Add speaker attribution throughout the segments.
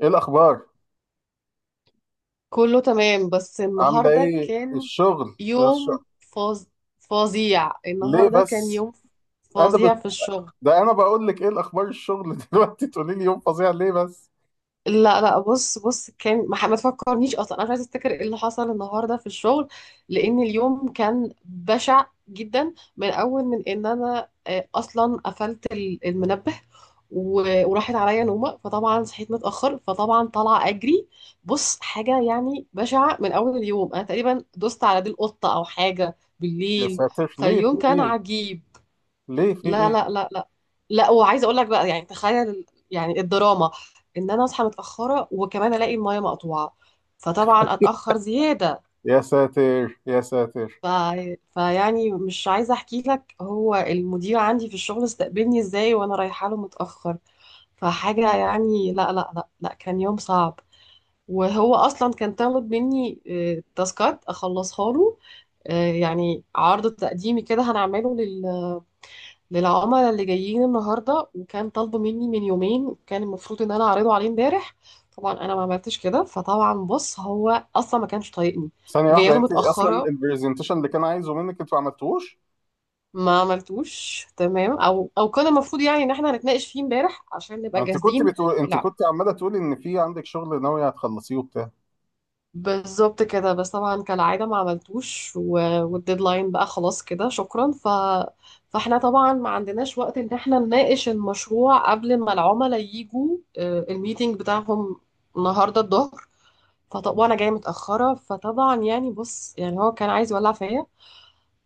Speaker 1: ايه الاخبار؟
Speaker 2: كله تمام بس
Speaker 1: عامله
Speaker 2: النهارده
Speaker 1: ايه
Speaker 2: كان
Speaker 1: الشغل
Speaker 2: يوم فظ... فظيع.
Speaker 1: ليه
Speaker 2: النهارده كان
Speaker 1: بس
Speaker 2: يوم
Speaker 1: انا
Speaker 2: فظيع
Speaker 1: بت...
Speaker 2: في الشغل.
Speaker 1: ده انا بقول لك ايه الاخبار الشغل دلوقتي تقولي لي يوم فظيع، ليه بس؟
Speaker 2: لا لا، بص بص، كان ما تفكرنيش اصلا، انا مش عايزه افتكر ايه اللي حصل النهارده في الشغل، لان اليوم كان بشع جدا من اول من ان انا آه، اصلا قفلت المنبه وراحت عليا نومه، فطبعا صحيت متاخر، فطبعا طالعه اجري. بص حاجه يعني بشعه من اول اليوم، انا تقريبا دوست على دي القطه او حاجه
Speaker 1: يا
Speaker 2: بالليل،
Speaker 1: ساتر، ليه، في
Speaker 2: فاليوم كان
Speaker 1: ايه؟
Speaker 2: عجيب.
Speaker 1: ليه، في
Speaker 2: لا
Speaker 1: ايه؟
Speaker 2: لا لا لا، لا وعايزه اقول لك بقى، يعني تخيل يعني الدراما ان انا اصحى متاخره وكمان الاقي المايه مقطوعه، فطبعا اتاخر زياده.
Speaker 1: يا ساتر يا ساتر.
Speaker 2: ف... فيعني مش عايزه احكي لك هو المدير عندي في الشغل استقبلني ازاي وانا رايحه له متاخر. فحاجه يعني، لا لا لا لا، كان يوم صعب. وهو اصلا كان طالب مني تاسكات اخلصها له، يعني عرض تقديمي كده هنعمله للعملاء اللي جايين النهارده، وكان طالبه مني من يومين، كان المفروض ان انا اعرضه عليه امبارح. طبعا انا ما عملتش كده، فطبعا بص هو اصلا ما كانش طايقني
Speaker 1: ثانيه
Speaker 2: وجايه
Speaker 1: واحده،
Speaker 2: له
Speaker 1: انت اصلا
Speaker 2: متاخره.
Speaker 1: البرزنتيشن اللي كان عايزه منك انتوا ما عملتوهوش؟
Speaker 2: ما عملتوش، تمام، او او كان المفروض يعني ان احنا هنتناقش فيه امبارح عشان نبقى جاهزين.
Speaker 1: انت كنت عماله تقولي ان في عندك شغل ناويه هتخلصيه وبتاع.
Speaker 2: بالظبط كده، بس طبعا كالعادة ما عملتوش، والديدلاين بقى خلاص كده، شكرا. فاحنا طبعا ما عندناش وقت ان احنا نناقش المشروع قبل ما العملاء يجوا، الميتينج بتاعهم النهاردة الظهر. فطب وانا جاية متأخرة، فطبعا يعني بص يعني هو كان عايز يولع فيا.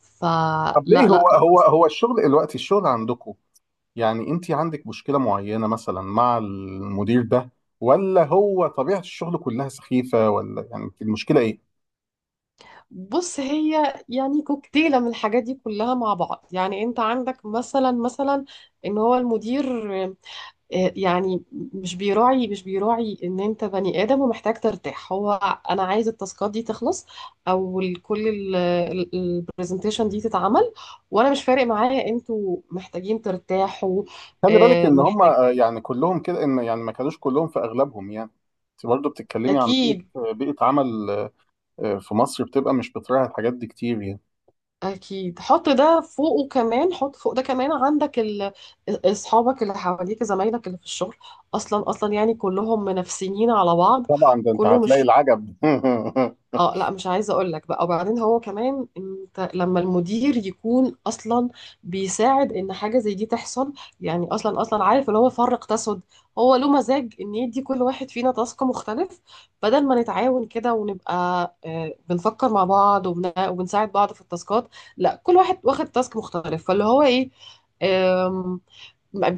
Speaker 2: فلا
Speaker 1: طب ليه؟
Speaker 2: لا
Speaker 1: هو
Speaker 2: لا لا.
Speaker 1: هو هو الشغل دلوقتي، الشغل عندكم، يعني انت عندك مشكلة معينة مثلا مع المدير ده، ولا هو طبيعة الشغل كلها سخيفة، ولا يعني انت المشكلة ايه؟
Speaker 2: بص هي يعني كوكتيلة من الحاجات دي كلها مع بعض. يعني انت عندك مثلا، مثلا ان هو المدير يعني مش بيراعي، مش بيراعي ان انت بني ادم ومحتاج ترتاح. هو انا عايز التاسكات دي تخلص، او كل البرزنتيشن دي تتعمل، وانا مش فارق معايا انتوا محتاجين ترتاحوا.
Speaker 1: خلي بالك ان هم
Speaker 2: محتاج.
Speaker 1: يعني كلهم كده، ان يعني ما كانوش كلهم، في اغلبهم يعني. انت برضه بتتكلمي عن بيئة،
Speaker 2: اكيد
Speaker 1: بيئة عمل في مصر بتبقى مش بتراعي الحاجات دي كتير يعني.
Speaker 2: اكيد، حط ده فوقه كمان، حط فوق ده كمان، عندك اصحابك اللي حواليك، زمايلك اللي في الشغل اصلا اصلا يعني كلهم منافسين على بعض.
Speaker 1: طبعا ده انت
Speaker 2: كله
Speaker 1: هتلاقي
Speaker 2: مش،
Speaker 1: العجب.
Speaker 2: اه لا مش عايزه اقول لك بقى. وبعدين هو كمان، انت لما المدير يكون اصلا بيساعد ان حاجه زي دي تحصل، يعني اصلا اصلا عارف اللي هو فرق تسد. هو له مزاج ان يدي كل واحد فينا تاسك مختلف بدل ما نتعاون كده ونبقى بنفكر مع بعض وبنساعد بعض في التاسكات. لا كل واحد واخد تاسك مختلف، فاللي هو ايه،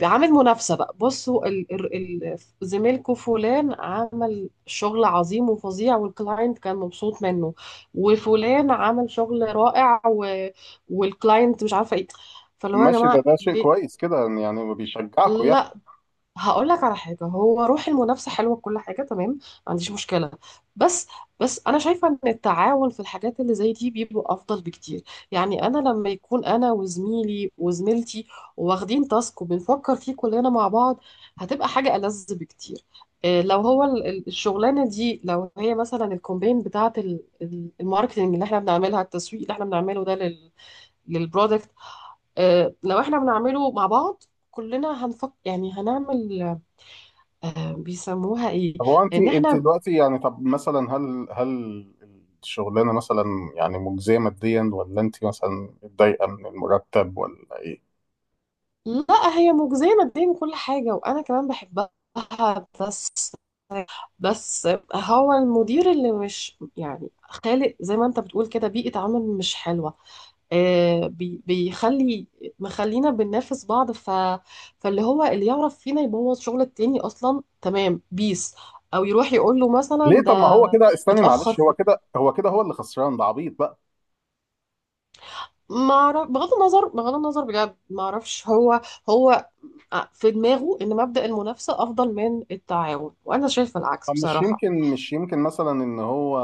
Speaker 2: عامل منافسة بقى. بصوا زميلكوا فلان عمل شغل عظيم وفظيع والكلاينت كان مبسوط منه، وفلان عمل شغل رائع والكلاينت مش عارفة ايه. فاللي هو يا
Speaker 1: ماشي، ده
Speaker 2: جماعة
Speaker 1: ده شيء
Speaker 2: ليه؟
Speaker 1: كويس كده، يعني بيشجعكم.
Speaker 2: لا، هقول لك على حاجة، هو روح المنافسة حلوة، كل حاجة تمام، ما عنديش مشكلة، بس بس، أنا شايفة إن التعاون في الحاجات اللي زي دي بيبقى أفضل بكتير. يعني أنا لما يكون أنا وزميلي وزميلتي واخدين تاسك وبنفكر فيه كلنا مع بعض، هتبقى حاجة ألذ بكتير. إيه، لو هو الشغلانة دي، لو هي مثلا الكومبين بتاعة الماركتينج اللي احنا بنعملها، التسويق اللي احنا بنعمله ده للبرودكت، لو احنا بنعمله مع بعض كلنا هنفك، يعني هنعمل، بيسموها ايه،
Speaker 1: طب هو انت
Speaker 2: ان
Speaker 1: انت
Speaker 2: احنا.
Speaker 1: دلوقتي يعني، طب مثلا، هل الشغلانه مثلا يعني مجزيه ماديا، ولا انت مثلا متضايقه من المرتب، ولا ايه؟
Speaker 2: لا هي مجزية ماديا وكل حاجة، وانا كمان بحبها، بس بس، هو المدير اللي مش يعني خالق زي ما انت بتقول كده بيئة عمل مش حلوة. آه بيخلي، مخلينا بننافس بعض، فاللي هو اللي يعرف فينا يبوظ شغل التاني اصلا تمام، بيس او يروح يقول له مثلا
Speaker 1: ليه؟
Speaker 2: ده
Speaker 1: طب ما هو كده، استني
Speaker 2: اتأخر
Speaker 1: معلش، هو
Speaker 2: في.
Speaker 1: كده هو كده هو اللي خسران، ده عبيط بقى.
Speaker 2: ما اعرف، بغض النظر بغض النظر بجد ما اعرفش، هو هو آه، في دماغه ان مبدأ المنافسة افضل من التعاون، وانا شايفة العكس
Speaker 1: طب مش
Speaker 2: بصراحة.
Speaker 1: يمكن مش يمكن مثلا ان هو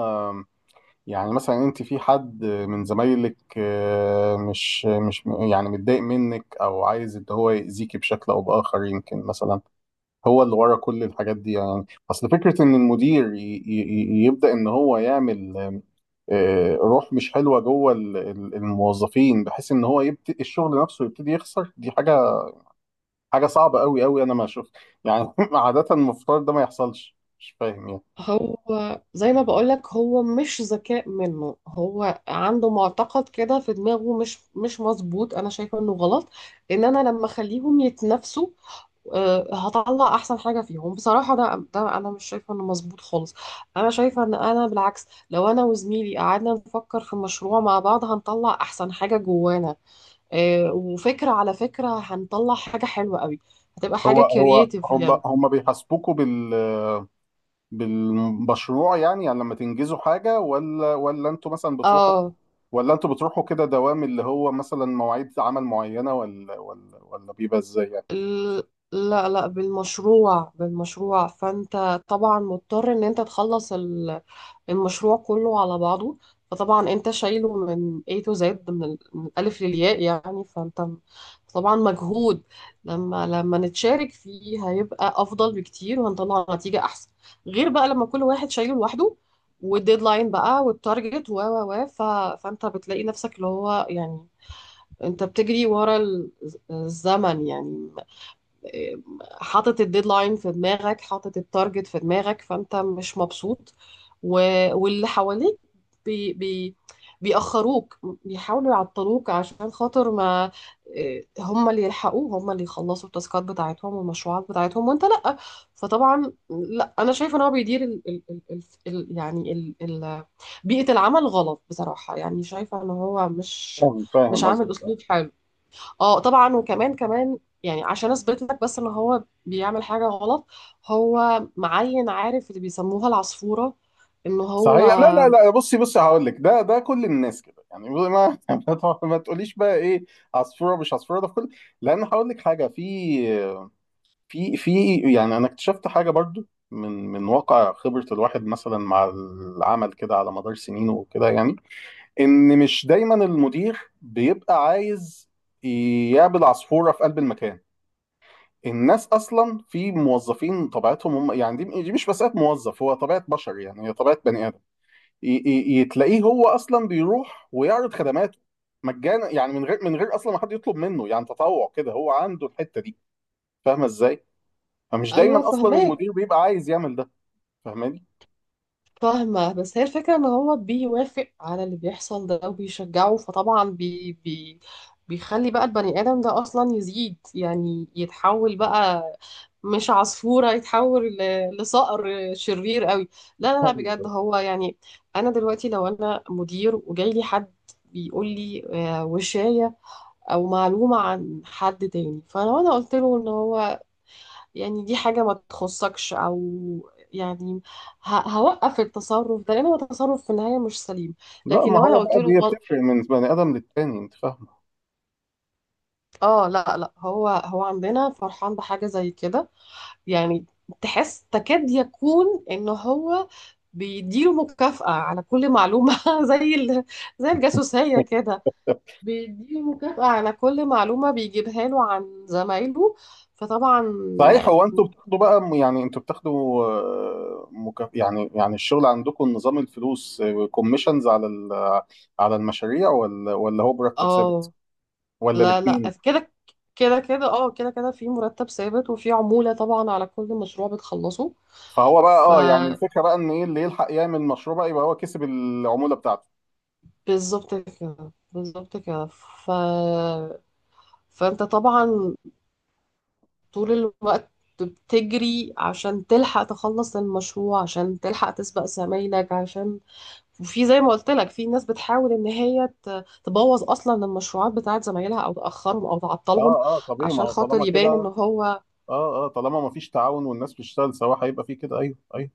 Speaker 1: يعني مثلا، انت في حد من زمايلك، مش يعني متضايق منك او عايز ان هو يأذيكي بشكل او باخر، يمكن مثلا هو اللي ورا كل الحاجات دي، يعني اصل فكره ان المدير يبدا ان هو يعمل روح مش حلوه جوه الموظفين، بحيث ان هو يبتدي الشغل نفسه يبتدي يخسر. دي حاجه، حاجه صعبه قوي انا ما اشوف يعني. عاده المفترض ده ما يحصلش، مش فاهم يعني.
Speaker 2: هو زي ما بقولك هو مش ذكاء منه، هو عنده معتقد كده في دماغه مش مظبوط، انا شايفة انه غلط. ان انا لما اخليهم يتنافسوا، هطلع احسن حاجة فيهم. بصراحة ده انا مش شايفة انه مظبوط خالص. انا شايفة ان انا بالعكس لو انا وزميلي قعدنا نفكر في مشروع مع بعض هنطلع احسن حاجة جوانا، وفكرة على فكرة هنطلع حاجة حلوة قوي، هتبقى حاجة
Speaker 1: هو
Speaker 2: كرييتيف
Speaker 1: هم
Speaker 2: يعني.
Speaker 1: هم بيحاسبوكوا بالمشروع يعني، يعني لما تنجزوا حاجه؟ ولا انتوا مثلا بتروحوا،
Speaker 2: اه
Speaker 1: ولا انتوا بتروحوا كده دوام اللي هو مثلا مواعيد عمل معينه، ولا بيبقى ازاي يعني؟
Speaker 2: لا لا، بالمشروع بالمشروع، فانت طبعا مضطر ان انت تخلص المشروع كله على بعضه، فطبعا انت شايله من A to Z، من من الألف للياء يعني، طبعا مجهود. لما نتشارك فيه هيبقى أفضل بكتير وهنطلع نتيجة أحسن، غير بقى لما كل واحد شايله لوحده، والديدلاين بقى والتارجت فانت بتلاقي نفسك اللي هو يعني، انت بتجري ورا الزمن يعني، حاطط الديدلاين في دماغك، حاطط التارجت في دماغك، فانت مش مبسوط، و... واللي حواليك بي... بي... بيأخروك، بيحاولوا يعطلوك عشان خاطر ما. إيه، هم اللي يلحقوه، هم اللي يخلصوا التاسكات بتاعتهم والمشروعات بتاعتهم وانت لأ. فطبعا لا انا شايفه ان هو بيدير يعني بيئة العمل غلط بصراحة، يعني شايفة ان هو
Speaker 1: فاهم،
Speaker 2: مش
Speaker 1: فاهم
Speaker 2: عامل
Speaker 1: قصدك.
Speaker 2: اسلوب حلو. اه طبعا، كمان يعني عشان اثبت لك بس ان هو بيعمل حاجه غلط، هو معين عارف اللي بيسموها العصفوره ان هو.
Speaker 1: صحيح، لا لا لا، بصي بصي، هقول لك، ده كل الناس كده يعني. ما ما تقوليش بقى ايه، عصفوره مش عصفوره، ده في كل، لان هقول لك حاجه، في في يعني انا اكتشفت حاجه برضو، من واقع خبره الواحد مثلا مع العمل كده على مدار سنينه وكده يعني، ان مش دايما المدير بيبقى عايز يقابل عصفوره في قلب المكان. الناس اصلا، في موظفين طبيعتهم هم يعني، دي مش مساله موظف، هو طبيعه بشر يعني، هي طبيعه بني ادم. يتلاقيه هو اصلا بيروح ويعرض خدماته مجانا، يعني من غير، اصلا ما حد يطلب منه، يعني تطوع كده، هو عنده الحته دي. فاهمه ازاي؟ فمش
Speaker 2: ايوه
Speaker 1: دايما اصلا
Speaker 2: فهماك.
Speaker 1: المدير بيبقى عايز يعمل ده. فاهماني؟
Speaker 2: فاهمة، بس هي الفكرة ان هو بيوافق على اللي بيحصل ده وبيشجعه، فطبعا بي بي بيخلي بقى البني آدم ده أصلا يزيد، يعني يتحول بقى مش عصفورة، يتحول لصقر شرير قوي. لا لا لا بجد
Speaker 1: ايوه،
Speaker 2: هو يعني، أنا دلوقتي لو أنا مدير وجاي لي حد بيقول لي وشاية أو معلومة عن حد تاني، فلو أنا قلت له إن هو يعني دي حاجة ما تخصكش، أو يعني هوقف التصرف ده لأن هو تصرف في النهاية مش سليم.
Speaker 1: لا
Speaker 2: لكن
Speaker 1: ما
Speaker 2: لو أنا
Speaker 1: هو
Speaker 2: قلت
Speaker 1: بقى
Speaker 2: له
Speaker 1: دي بتفرق من بني ادم للتاني، انت فاهمه.
Speaker 2: آه لا لا، هو عندنا فرحان بحاجة زي كده، يعني تحس تكاد يكون إن هو بيديله مكافأة على كل معلومة زي ال... زي الجاسوسية كده، بيديله مكافأة على كل معلومة بيجيبها له عن زمايله، فطبعا.
Speaker 1: صحيح، هو انتوا بتاخدوا بقى يعني انتوا بتاخدوا يعني يعني الشغل عندكم نظام الفلوس كوميشنز على على المشاريع، ولا هو مرتب ثابت،
Speaker 2: اه
Speaker 1: ولا
Speaker 2: لا لا،
Speaker 1: الاثنين؟
Speaker 2: كده كده، كده اه كده كده، في مرتب ثابت وفي عمولة طبعا على كل مشروع بتخلصه.
Speaker 1: فهو بقى، اه يعني
Speaker 2: فبالظبط
Speaker 1: الفكره بقى ان ايه اللي يلحق يعمل مشروع بقى يبقى هو كسب العموله بتاعته.
Speaker 2: كده، بالظبط كده، فانت طبعا طول الوقت بتجري عشان تلحق تخلص المشروع، عشان تلحق تسبق زمايلك عشان. وفي زي ما قلت لك في ناس بتحاول ان هي تبوظ اصلا المشروعات بتاعت زمايلها او تاخرهم او تعطلهم
Speaker 1: اه. اه طبيعي، ما
Speaker 2: عشان
Speaker 1: هو
Speaker 2: خاطر
Speaker 1: طالما كده.
Speaker 2: يبان ان
Speaker 1: اه،
Speaker 2: هو.
Speaker 1: اه طالما ما فيش تعاون والناس بتشتغل سوا هيبقى في كده. ايوه ايوه.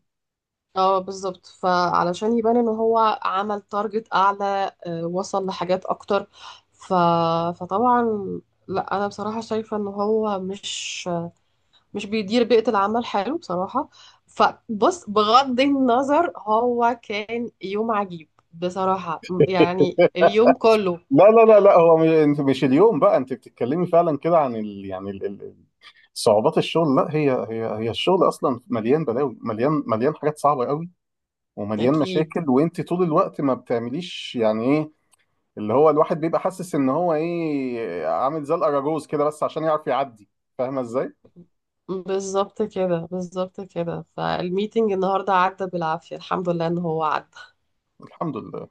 Speaker 2: اه بالظبط، فعلشان يبان ان هو عمل تارجت اعلى، وصل لحاجات اكتر. ف... فطبعا لا انا بصراحه شايفه ان هو مش بيدير بيئه العمل حلو بصراحه. فبص بغض النظر هو كان يوم عجيب بصراحه، يعني اليوم كله.
Speaker 1: لا لا لا لا، انت مش اليوم بقى، انت بتتكلمي فعلا كده عن يعني صعوبات الشغل. لا، هي الشغل اصلا مليان بلاوي، مليان حاجات صعبه قوي ومليان مشاكل،
Speaker 2: اكيد.
Speaker 1: وانت طول الوقت ما بتعمليش يعني ايه، اللي هو الواحد بيبقى حاسس ان هو ايه، عامل زي الاراجوز كده بس عشان يعرف يعدي. فاهمه ازاي؟
Speaker 2: بالظبط كده، بالظبط كده، فالميتنج النهارده عدى بالعافيه، الحمد لله ان هو عدى.
Speaker 1: الحمد لله.